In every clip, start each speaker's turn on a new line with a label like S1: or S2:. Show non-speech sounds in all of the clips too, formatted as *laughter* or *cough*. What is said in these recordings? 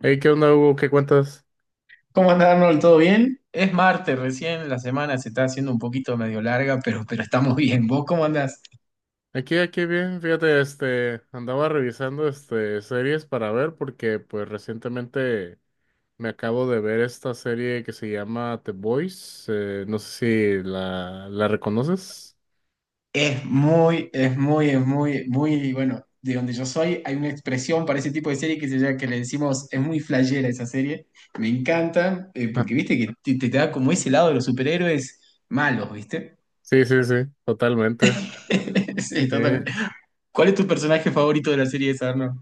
S1: Hey, ¿qué onda, Hugo? ¿Qué cuentas?
S2: ¿Cómo anda Arnold? ¿Todo bien? Es martes, recién la semana se está haciendo un poquito medio larga, pero estamos bien. ¿Vos cómo andás?
S1: Aquí, aquí bien, fíjate, andaba revisando, series para ver porque, pues, recientemente me acabo de ver esta serie que se llama The Boys, no sé si la reconoces.
S2: Es muy bueno, de donde yo soy hay una expresión para ese tipo de serie que, se llama, que le decimos, es muy flashera esa serie. Me encanta,
S1: Ah,
S2: porque viste que te da como ese lado de los superhéroes malos, ¿viste?
S1: sí, sí, sí, totalmente.
S2: *laughs* Sí, total.
S1: Eh,
S2: ¿Cuál es tu personaje favorito de la serie esa, Arnold?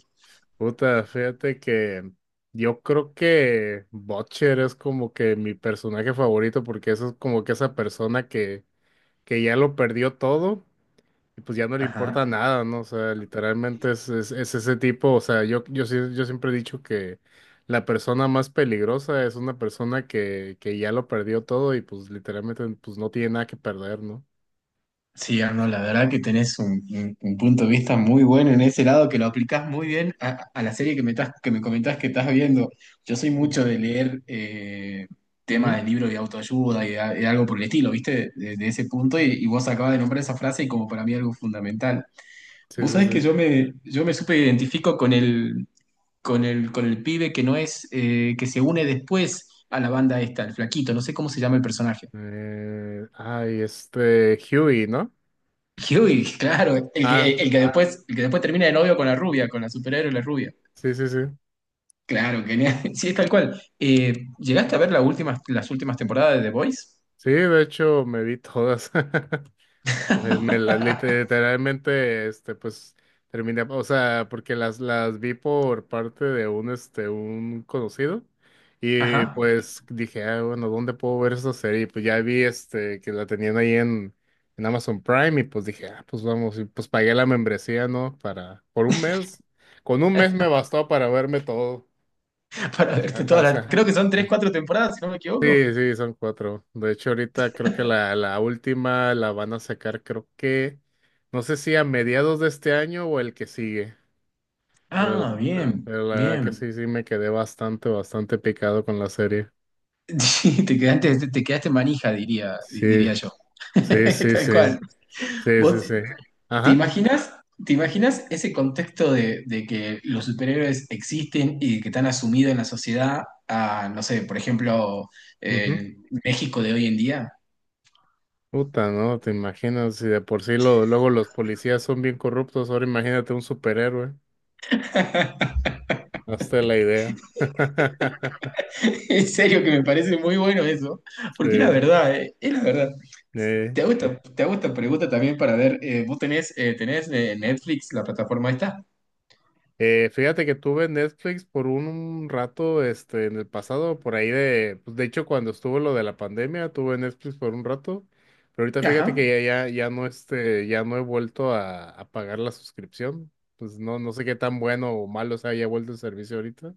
S1: puta, fíjate que yo creo que Butcher es como que mi personaje favorito porque eso es como que esa persona que ya lo perdió todo y pues ya no le importa nada, ¿no? O sea, literalmente es ese tipo, o sea, yo siempre he dicho que la persona más peligrosa es una persona que ya lo perdió todo y pues literalmente pues no tiene nada que perder, ¿no?
S2: Sí, Arnold, la verdad que tenés un punto de vista muy bueno en ese lado, que lo aplicás muy bien a la serie que que me comentás que estás viendo. Yo soy
S1: Mm.
S2: mucho de leer temas
S1: Ujú.
S2: de libros de autoayuda de algo por el estilo, ¿viste? De ese punto, y vos acabas de nombrar esa frase y como para mí algo fundamental.
S1: Sí,
S2: Vos
S1: sí,
S2: sabés que
S1: sí.
S2: yo me súper identifico con el pibe que no es, que se une después a la banda esta, el flaquito, no sé cómo se llama el personaje.
S1: Ay, este, Huey, ¿no?
S2: *laughs* Huey, claro,
S1: Ah,
S2: el que después termina de novio con la rubia, con la superhéroe la rubia.
S1: sí, sí, sí.
S2: Claro, genial. *laughs* Sí, es tal cual. ¿Llegaste a ver las últimas temporadas de The Voice?
S1: Sí, de hecho me vi todas. *laughs* Literalmente, este, pues, terminé, o sea, porque las vi por parte de un conocido, y
S2: Ajá.
S1: pues dije, ah, bueno, ¿dónde puedo ver esa serie? Y pues ya vi, este, que la tenían ahí en Amazon Prime, y pues dije, ah, pues vamos, y pues pagué la membresía, ¿no? Para, por un mes, con un mes me bastó para verme todo,
S2: *laughs* Para
S1: o
S2: verte
S1: sea, o
S2: todas las.
S1: sea,
S2: Creo que son tres, cuatro temporadas, si no me equivoco.
S1: sí, sí, son cuatro. De hecho, ahorita creo que la última la van a sacar, creo que no sé si a mediados de este año o el que sigue, pero,
S2: Ah, bien,
S1: pero la verdad que
S2: bien.
S1: sí, sí
S2: *laughs*
S1: me quedé bastante, bastante picado con la serie.
S2: Sí, te quedaste manija,
S1: Sí,
S2: diría yo.
S1: sí,
S2: *laughs*
S1: sí,
S2: Tal
S1: sí,
S2: cual.
S1: sí, sí,
S2: Vos,
S1: sí.
S2: ¿Te
S1: Ajá.
S2: imaginas, ¿te imaginas ese contexto de que los superhéroes existen y de que están asumidos en la sociedad a, no sé, por ejemplo,
S1: Ujú.
S2: el México de hoy en día?
S1: Puta, ¿no? Te imaginas, si de por sí lo, luego los policías son bien corruptos, ahora imagínate un superhéroe. Hazte la idea. *laughs*
S2: *laughs* En serio que me parece muy bueno eso, porque es la
S1: Sí,
S2: verdad, es la verdad.
S1: sí,
S2: Te hago esta pregunta también para ver, ¿tenés Netflix, la plataforma esta?
S1: Fíjate que tuve Netflix por un rato, este, en el pasado, por ahí de, pues de hecho cuando estuvo lo de la pandemia, tuve Netflix por un rato, pero ahorita fíjate
S2: Ajá.
S1: que ya no, este, ya no he vuelto a pagar la suscripción, pues no, no sé qué tan bueno o malo se haya vuelto el servicio ahorita.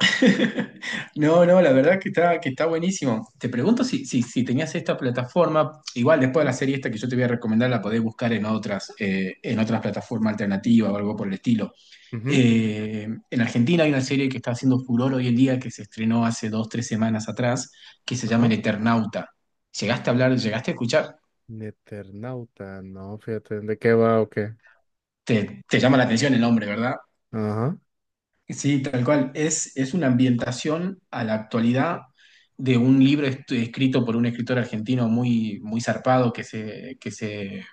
S2: *laughs* No, no, la verdad que que está buenísimo. Te pregunto si tenías esta plataforma, igual después de la
S1: Ujú.
S2: serie esta que yo te voy a recomendar, la podés buscar en otras plataformas alternativas o algo por el estilo.
S1: Ujú.
S2: En Argentina hay una serie que está haciendo furor hoy en día, que se estrenó hace dos, tres semanas atrás, que se llama El
S1: Ajá.
S2: Eternauta. ¿Llegaste a hablar, llegaste a escuchar?
S1: Neternauta, no, fíjate, ¿de qué va o qué?
S2: Te llama la atención el nombre, ¿verdad?
S1: Ajá.
S2: Sí, tal cual. Es una ambientación a la actualidad de un libro escrito por un escritor argentino muy, muy zarpado que se, que se,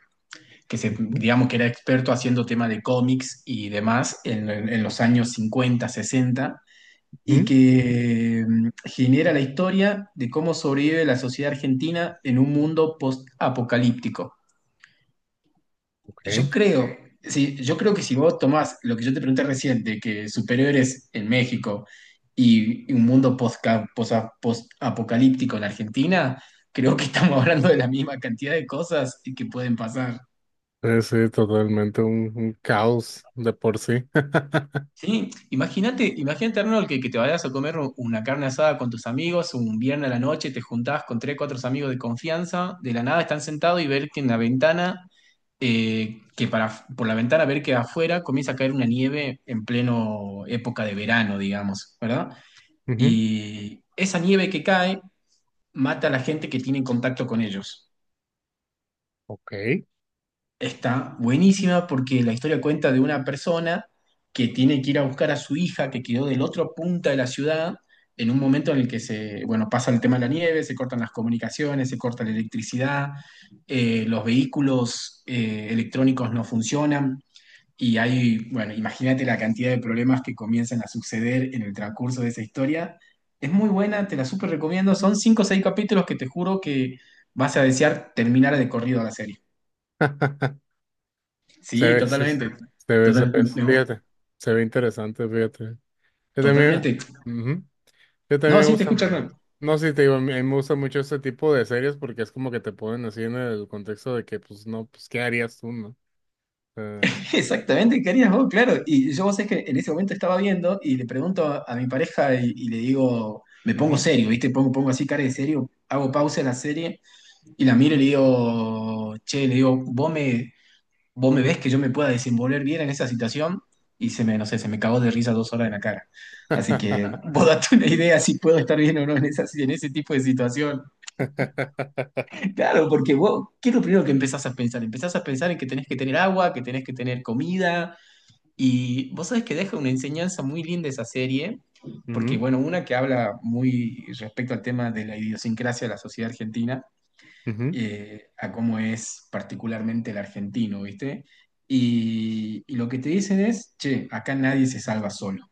S2: que se,
S1: Ujú,
S2: digamos que era experto haciendo tema de cómics y demás en los años 50 60 y
S1: ujú,
S2: que genera la historia de cómo sobrevive la sociedad argentina en un mundo post-apocalíptico.
S1: ok.
S2: Yo creo, sí, yo creo que si vos tomás lo que yo te pregunté recién, de que superhéroes en México y un mundo post-apocalíptico en Argentina, creo que estamos *laughs* hablando de la misma cantidad de cosas que pueden pasar.
S1: Sí, sí, totalmente un caos de por sí. *laughs*
S2: Sí, imagínate, imagínate, Arnold, que te vayas a comer una carne asada con tus amigos un viernes a la noche, te juntás con tres, cuatro amigos de confianza, de la nada están sentados y ver que en la ventana, por la ventana ver que afuera comienza a caer una nieve en pleno época de verano, digamos, ¿verdad?
S1: Ujú,
S2: Y esa nieve que cae mata a la gente que tiene contacto con ellos.
S1: ok.
S2: Está buenísima porque la historia cuenta de una persona que tiene que ir a buscar a su hija que quedó del otro punta de la ciudad en un momento en el que se, bueno, pasa el tema de la nieve, se cortan las comunicaciones, se corta la electricidad, los vehículos electrónicos no funcionan y hay, bueno, imagínate la cantidad de problemas que comienzan a suceder en el transcurso de esa historia. Es muy buena, te la súper recomiendo. Son cinco o seis capítulos que te juro que vas a desear terminar de corrido la serie.
S1: *laughs*
S2: Sí,
S1: Se
S2: totalmente.
S1: ve, se
S2: Total-
S1: ve.
S2: me- me-
S1: Fíjate, se ve interesante, fíjate. Yo también,
S2: totalmente.
S1: ujú, yo también
S2: No,
S1: me
S2: sí, te
S1: gusta,
S2: escucho. Hernán.
S1: no sé, te digo, a mí me gusta mucho este tipo de series porque es como que te ponen así en el contexto de que, pues, no, pues, ¿qué harías tú, no? Eh,
S2: *laughs* Exactamente, ¿qué harías vos? Claro. Y yo vos sé que en ese momento estaba viendo y le pregunto a mi pareja y le digo, me pongo
S1: ujú.
S2: serio, ¿viste? Pongo, pongo así cara de serio, hago pausa en la serie y la miro y le digo, che, le digo, ¿vos me ves que yo me pueda desenvolver bien en esa situación? Y se me, no sé, se me cagó de risa dos horas en la cara. Así que
S1: *laughs*
S2: vos date una idea si puedo estar bien o no en esa, en ese tipo de situación. Claro, porque vos, ¿qué es lo primero que empezás a pensar? Empezás a pensar en que tenés que tener agua, que tenés que tener comida, y vos sabés que deja una enseñanza muy linda esa serie, porque
S1: Ujú,
S2: bueno, una que habla muy respecto al tema de la idiosincrasia de la sociedad argentina,
S1: ujú,
S2: a cómo es particularmente el argentino, ¿viste? Y lo que te dicen es, che, acá nadie se salva solo.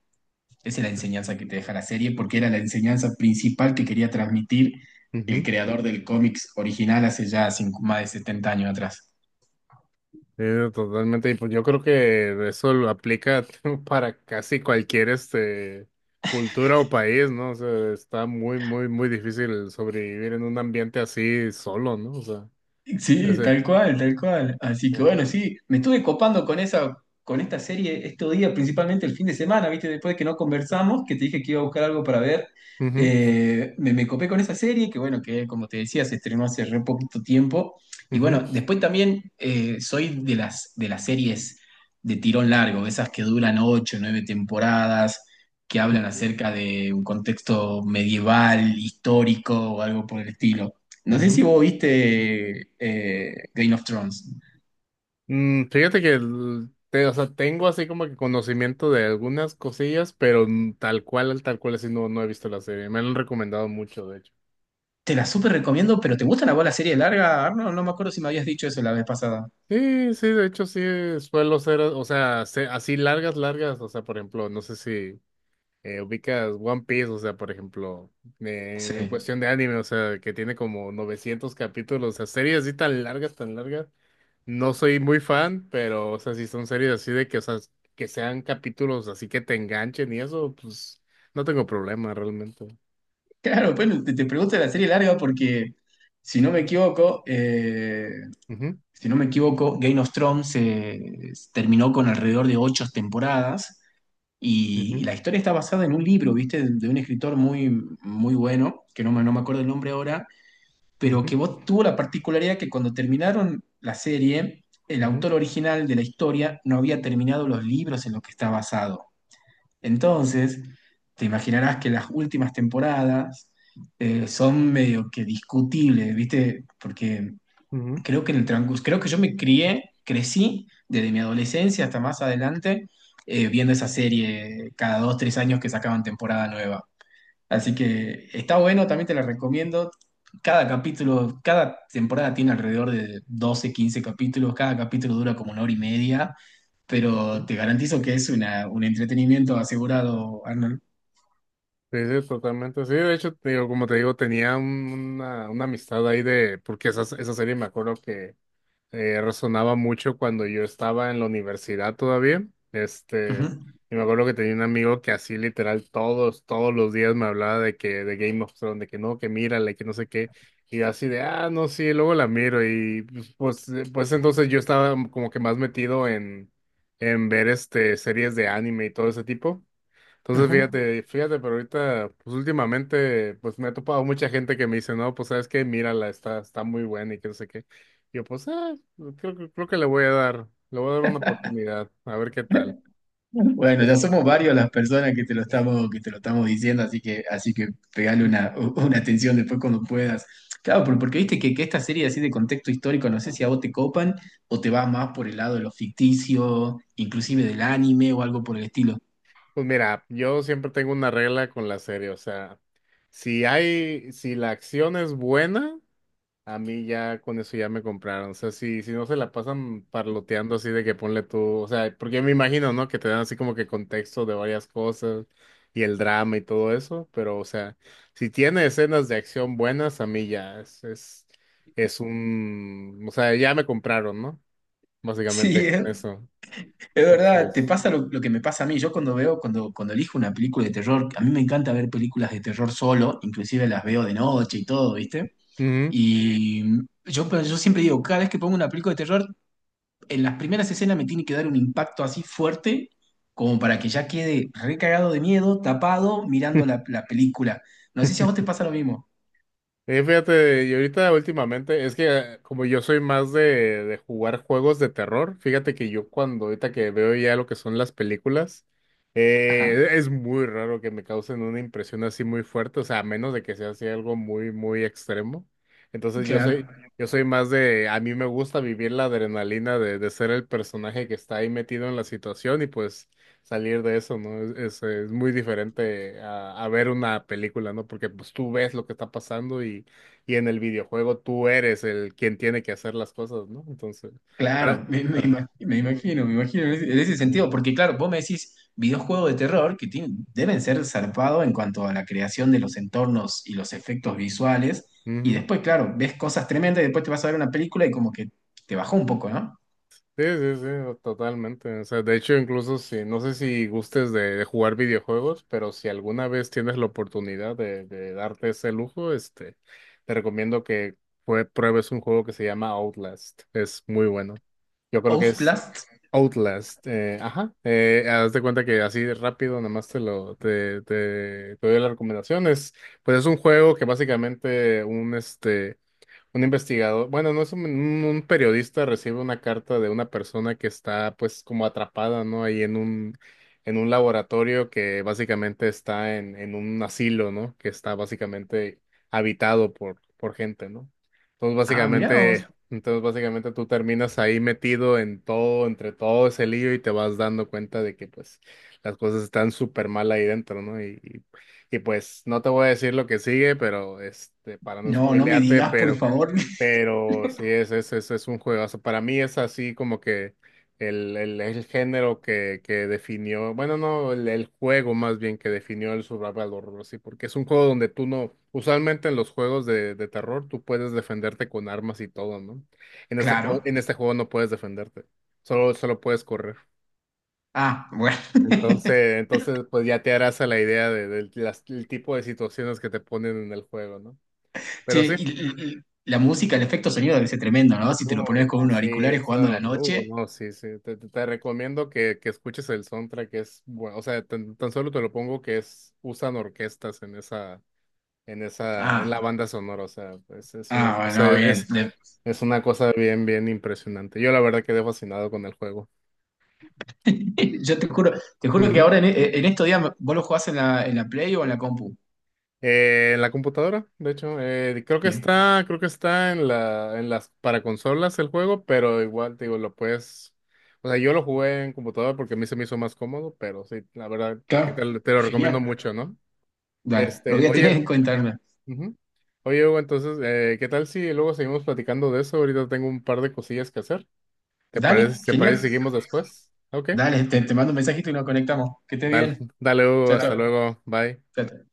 S2: Esa es la enseñanza que te deja la serie, porque era la enseñanza principal que quería transmitir el
S1: ujú.
S2: creador del cómics original hace ya más de 70 años atrás.
S1: Sí, no, totalmente. Y pues yo creo que eso lo aplica *laughs* para casi cualquier este cultura o país, ¿no? O sea, está muy, muy, muy difícil sobrevivir en un ambiente así solo, ¿no? O sea,
S2: Sí,
S1: ese.
S2: tal cual, tal cual. Así que
S1: Eh.
S2: bueno, sí, me estuve copando con esa, con esta serie estos días, principalmente el fin de semana, ¿viste? Después de que no conversamos, que te dije que iba a buscar algo para ver,
S1: Ujú,
S2: me copé con esa serie, que bueno, que como te decía, se estrenó hace re poquito tiempo. Y
S1: ujú,
S2: bueno, después también soy de las series de tirón largo, de esas que duran ocho, nueve temporadas, que hablan
S1: ujú,
S2: acerca de un contexto medieval, histórico o algo por el estilo. No sé si
S1: ujú.
S2: vos viste Game of Thrones.
S1: Mm, fíjate o sea, tengo así como que conocimiento de algunas cosillas, pero mm, tal cual así no, no he visto la serie. Me la han recomendado mucho, de hecho.
S2: Te la súper recomiendo, pero ¿te gusta la bola serie larga? Arnold, no me acuerdo si me habías dicho eso la vez pasada.
S1: Sí, sí, de hecho sí suelo ser, o sea, así largas, largas, o sea, por ejemplo, no sé si ubicas One Piece, o sea, por ejemplo, en
S2: Sí.
S1: cuestión de anime, o sea, que tiene como 900 capítulos, o sea, series así tan largas, no soy muy fan, pero, o sea, si son series así de que, o sea, que sean capítulos así que te enganchen y eso, pues, no tengo problema realmente.
S2: Claro, bueno, te pregunto de la serie larga porque, si no me equivoco,
S1: Ujú,
S2: si no me equivoco, Game of Thrones terminó con alrededor de ocho temporadas y
S1: ujú,
S2: la historia está basada en un libro, ¿viste? De un escritor muy, muy bueno, que no me acuerdo el nombre ahora, pero
S1: ujú,
S2: que vos tuvo la particularidad que cuando terminaron la serie, el
S1: ujú,
S2: autor original de la historia no había terminado los libros en los que está basado. Entonces, te imaginarás que las últimas temporadas son medio que discutibles, ¿viste? Porque
S1: ujú, ujú.
S2: creo que en el transcurso, creo que yo me crecí desde mi adolescencia hasta más adelante viendo esa serie cada dos, tres años que sacaban temporada nueva. Así que está bueno, también te la recomiendo. Cada capítulo, cada temporada tiene alrededor de 12, 15 capítulos. Cada capítulo dura como una hora y media, pero te garantizo que es una, un entretenimiento asegurado, Arnold.
S1: Sí, sí, totalmente. Sí, de hecho, te digo, como te digo, tenía una amistad ahí de, porque esa serie me acuerdo que resonaba mucho cuando yo estaba en la universidad todavía.
S2: Ujú,
S1: Este, y me acuerdo que tenía un amigo que así literal todos los días me hablaba de que, de Game of Thrones, de que no, que mírale, que no sé qué. Y yo así de, ah, no, sí, luego la miro. Y pues entonces yo estaba como que más metido en ver este, series de anime y todo ese tipo. Entonces,
S2: ujú.
S1: fíjate, fíjate, pero ahorita, pues últimamente, pues me ha topado mucha gente que me dice, no, pues sabes qué, mírala, está, está muy buena y que no sé qué. Yo, pues, ah, creo que le voy a dar, le voy a dar una oportunidad, a ver qué tal. Es-
S2: Bueno, ya
S1: es-
S2: somos
S1: es-
S2: varios las personas que te lo
S1: es-
S2: estamos, que te lo estamos diciendo, así que pegale
S1: Mm,
S2: una atención después cuando puedas. Claro, pero porque viste que esta serie así de contexto histórico, no sé si a vos te copan o te va más por el lado de lo ficticio,
S1: mm.
S2: inclusive del anime o algo por el estilo.
S1: Pues mira, yo siempre tengo una regla con la serie, o sea, si la acción es buena, a mí ya con eso ya me compraron. O sea, si no se la pasan parloteando así de que ponle tú, o sea, porque me imagino, ¿no? Que te dan así como que contexto de varias cosas y el drama y todo eso, pero o sea, si tiene escenas de acción buenas, a mí ya es un, o sea, ya me compraron, ¿no? Básicamente
S2: Sí,
S1: con eso.
S2: es verdad, te
S1: Entonces,
S2: pasa lo que me pasa a mí. Yo cuando veo, cuando elijo una película de terror, a mí me encanta ver películas de terror solo, inclusive las veo de noche y todo, ¿viste?
S1: ujú.
S2: Y yo, pero yo siempre digo, cada vez que pongo una película de terror, en las primeras escenas me tiene que dar un impacto así fuerte como para que ya quede recagado de miedo, tapado, mirando la, la película. No sé si a vos te
S1: *laughs*
S2: pasa lo mismo.
S1: Fíjate, y ahorita últimamente, es que como yo soy más de jugar juegos de terror, fíjate que yo cuando ahorita que veo ya lo que son las películas,
S2: Ajá,
S1: es muy raro que me causen una impresión así muy fuerte, o sea, a menos de que sea así algo muy, muy extremo. Entonces yo
S2: claro,
S1: soy, yo soy más de, a mí me gusta vivir la adrenalina de ser el personaje que está ahí metido en la situación y pues salir de eso, ¿no? Es muy diferente a ver una película, ¿no? Porque pues tú ves lo que está pasando y en el videojuego tú eres el quien tiene que hacer las cosas, ¿no? Entonces, para,
S2: claro,
S1: para. Ujú.
S2: me imagino en ese
S1: Eh,
S2: sentido, porque claro, vos me decís videojuegos de terror deben ser zarpados en cuanto a la creación de los entornos y los efectos visuales, y
S1: ujú.
S2: después, claro, ves cosas tremendas y después te vas a ver una película y como que te bajó un poco, ¿no?
S1: Sí, sí, sí, totalmente. O sea, de hecho, incluso si, no sé si gustes de jugar videojuegos, pero si alguna vez tienes la oportunidad de darte ese lujo, este, te recomiendo que pruebes un juego que se llama Outlast. Es muy bueno. Yo creo que es,
S2: Outlast.
S1: Outlast, ajá, haz de cuenta que así de rápido, nada más te lo, te doy las recomendaciones. Pues es un juego que básicamente un este un investigador, bueno, no es periodista recibe una carta de una persona que está pues como atrapada, ¿no? Ahí en en un laboratorio que básicamente está en un asilo, ¿no? Que está básicamente habitado por gente, ¿no?
S2: Ah, mirá vos.
S1: Entonces básicamente tú terminas ahí metido en todo, entre todo ese lío y te vas dando cuenta de que pues las cosas están súper mal ahí dentro, ¿no? Y pues no te voy a decir lo que sigue, pero este, para no
S2: No, no me
S1: spoilearte,
S2: digas, por favor.
S1: pero sí, es un juegazo. Para mí es así como que el género que definió, bueno, no, el juego más bien que definió el survival horror, sí, porque es un juego donde tú no, usualmente en los juegos de terror tú puedes defenderte con armas y todo, ¿no?
S2: Claro.
S1: En este juego no puedes defenderte, solo puedes correr.
S2: Ah, bueno. *laughs*
S1: Pues ya te harás a la idea de, el tipo de situaciones que te ponen en el juego, ¿no?
S2: Che,
S1: Pero sí.
S2: y la música, el efecto sonido debe ser tremendo, ¿no? Si te lo
S1: Uh,
S2: pones con
S1: no,
S2: unos
S1: sí,
S2: auriculares jugando a la
S1: eso,
S2: noche.
S1: no, sí, sí. Te recomiendo que escuches el soundtrack, es bueno, o sea, tan solo te lo pongo que es, usan orquestas en la
S2: Ah,
S1: banda sonora, o sea, pues es una
S2: ah,
S1: cosa,
S2: bueno, bien. De-
S1: es una cosa bien, bien impresionante. Yo la verdad quedé fascinado con el juego.
S2: *laughs* Yo te juro que ahora en estos días vos lo jugás en la Play o en la compu.
S1: En la computadora, de hecho,
S2: Bien.
S1: creo que está en las, para consolas el juego, pero igual, te digo, lo puedes, o sea, yo lo jugué en computadora porque a mí se me hizo más cómodo, pero sí, la verdad, que
S2: Claro,
S1: te lo recomiendo
S2: genial.
S1: mucho, ¿no?
S2: Dale, lo
S1: Este,
S2: voy a tener
S1: oye,
S2: en cuenta. Hernán.
S1: ujú. Oye, Hugo, entonces, ¿qué tal si luego seguimos platicando de eso? Ahorita tengo un par de cosillas que hacer.
S2: Dale,
S1: Te parece si
S2: genial.
S1: seguimos después? Ok,
S2: Dale, te mando un mensajito y nos conectamos. Que estés
S1: dale,
S2: bien.
S1: *laughs* dale, Hugo,
S2: Chao, chao.
S1: hasta
S2: Dale.
S1: luego, bye.
S2: Chao, chao.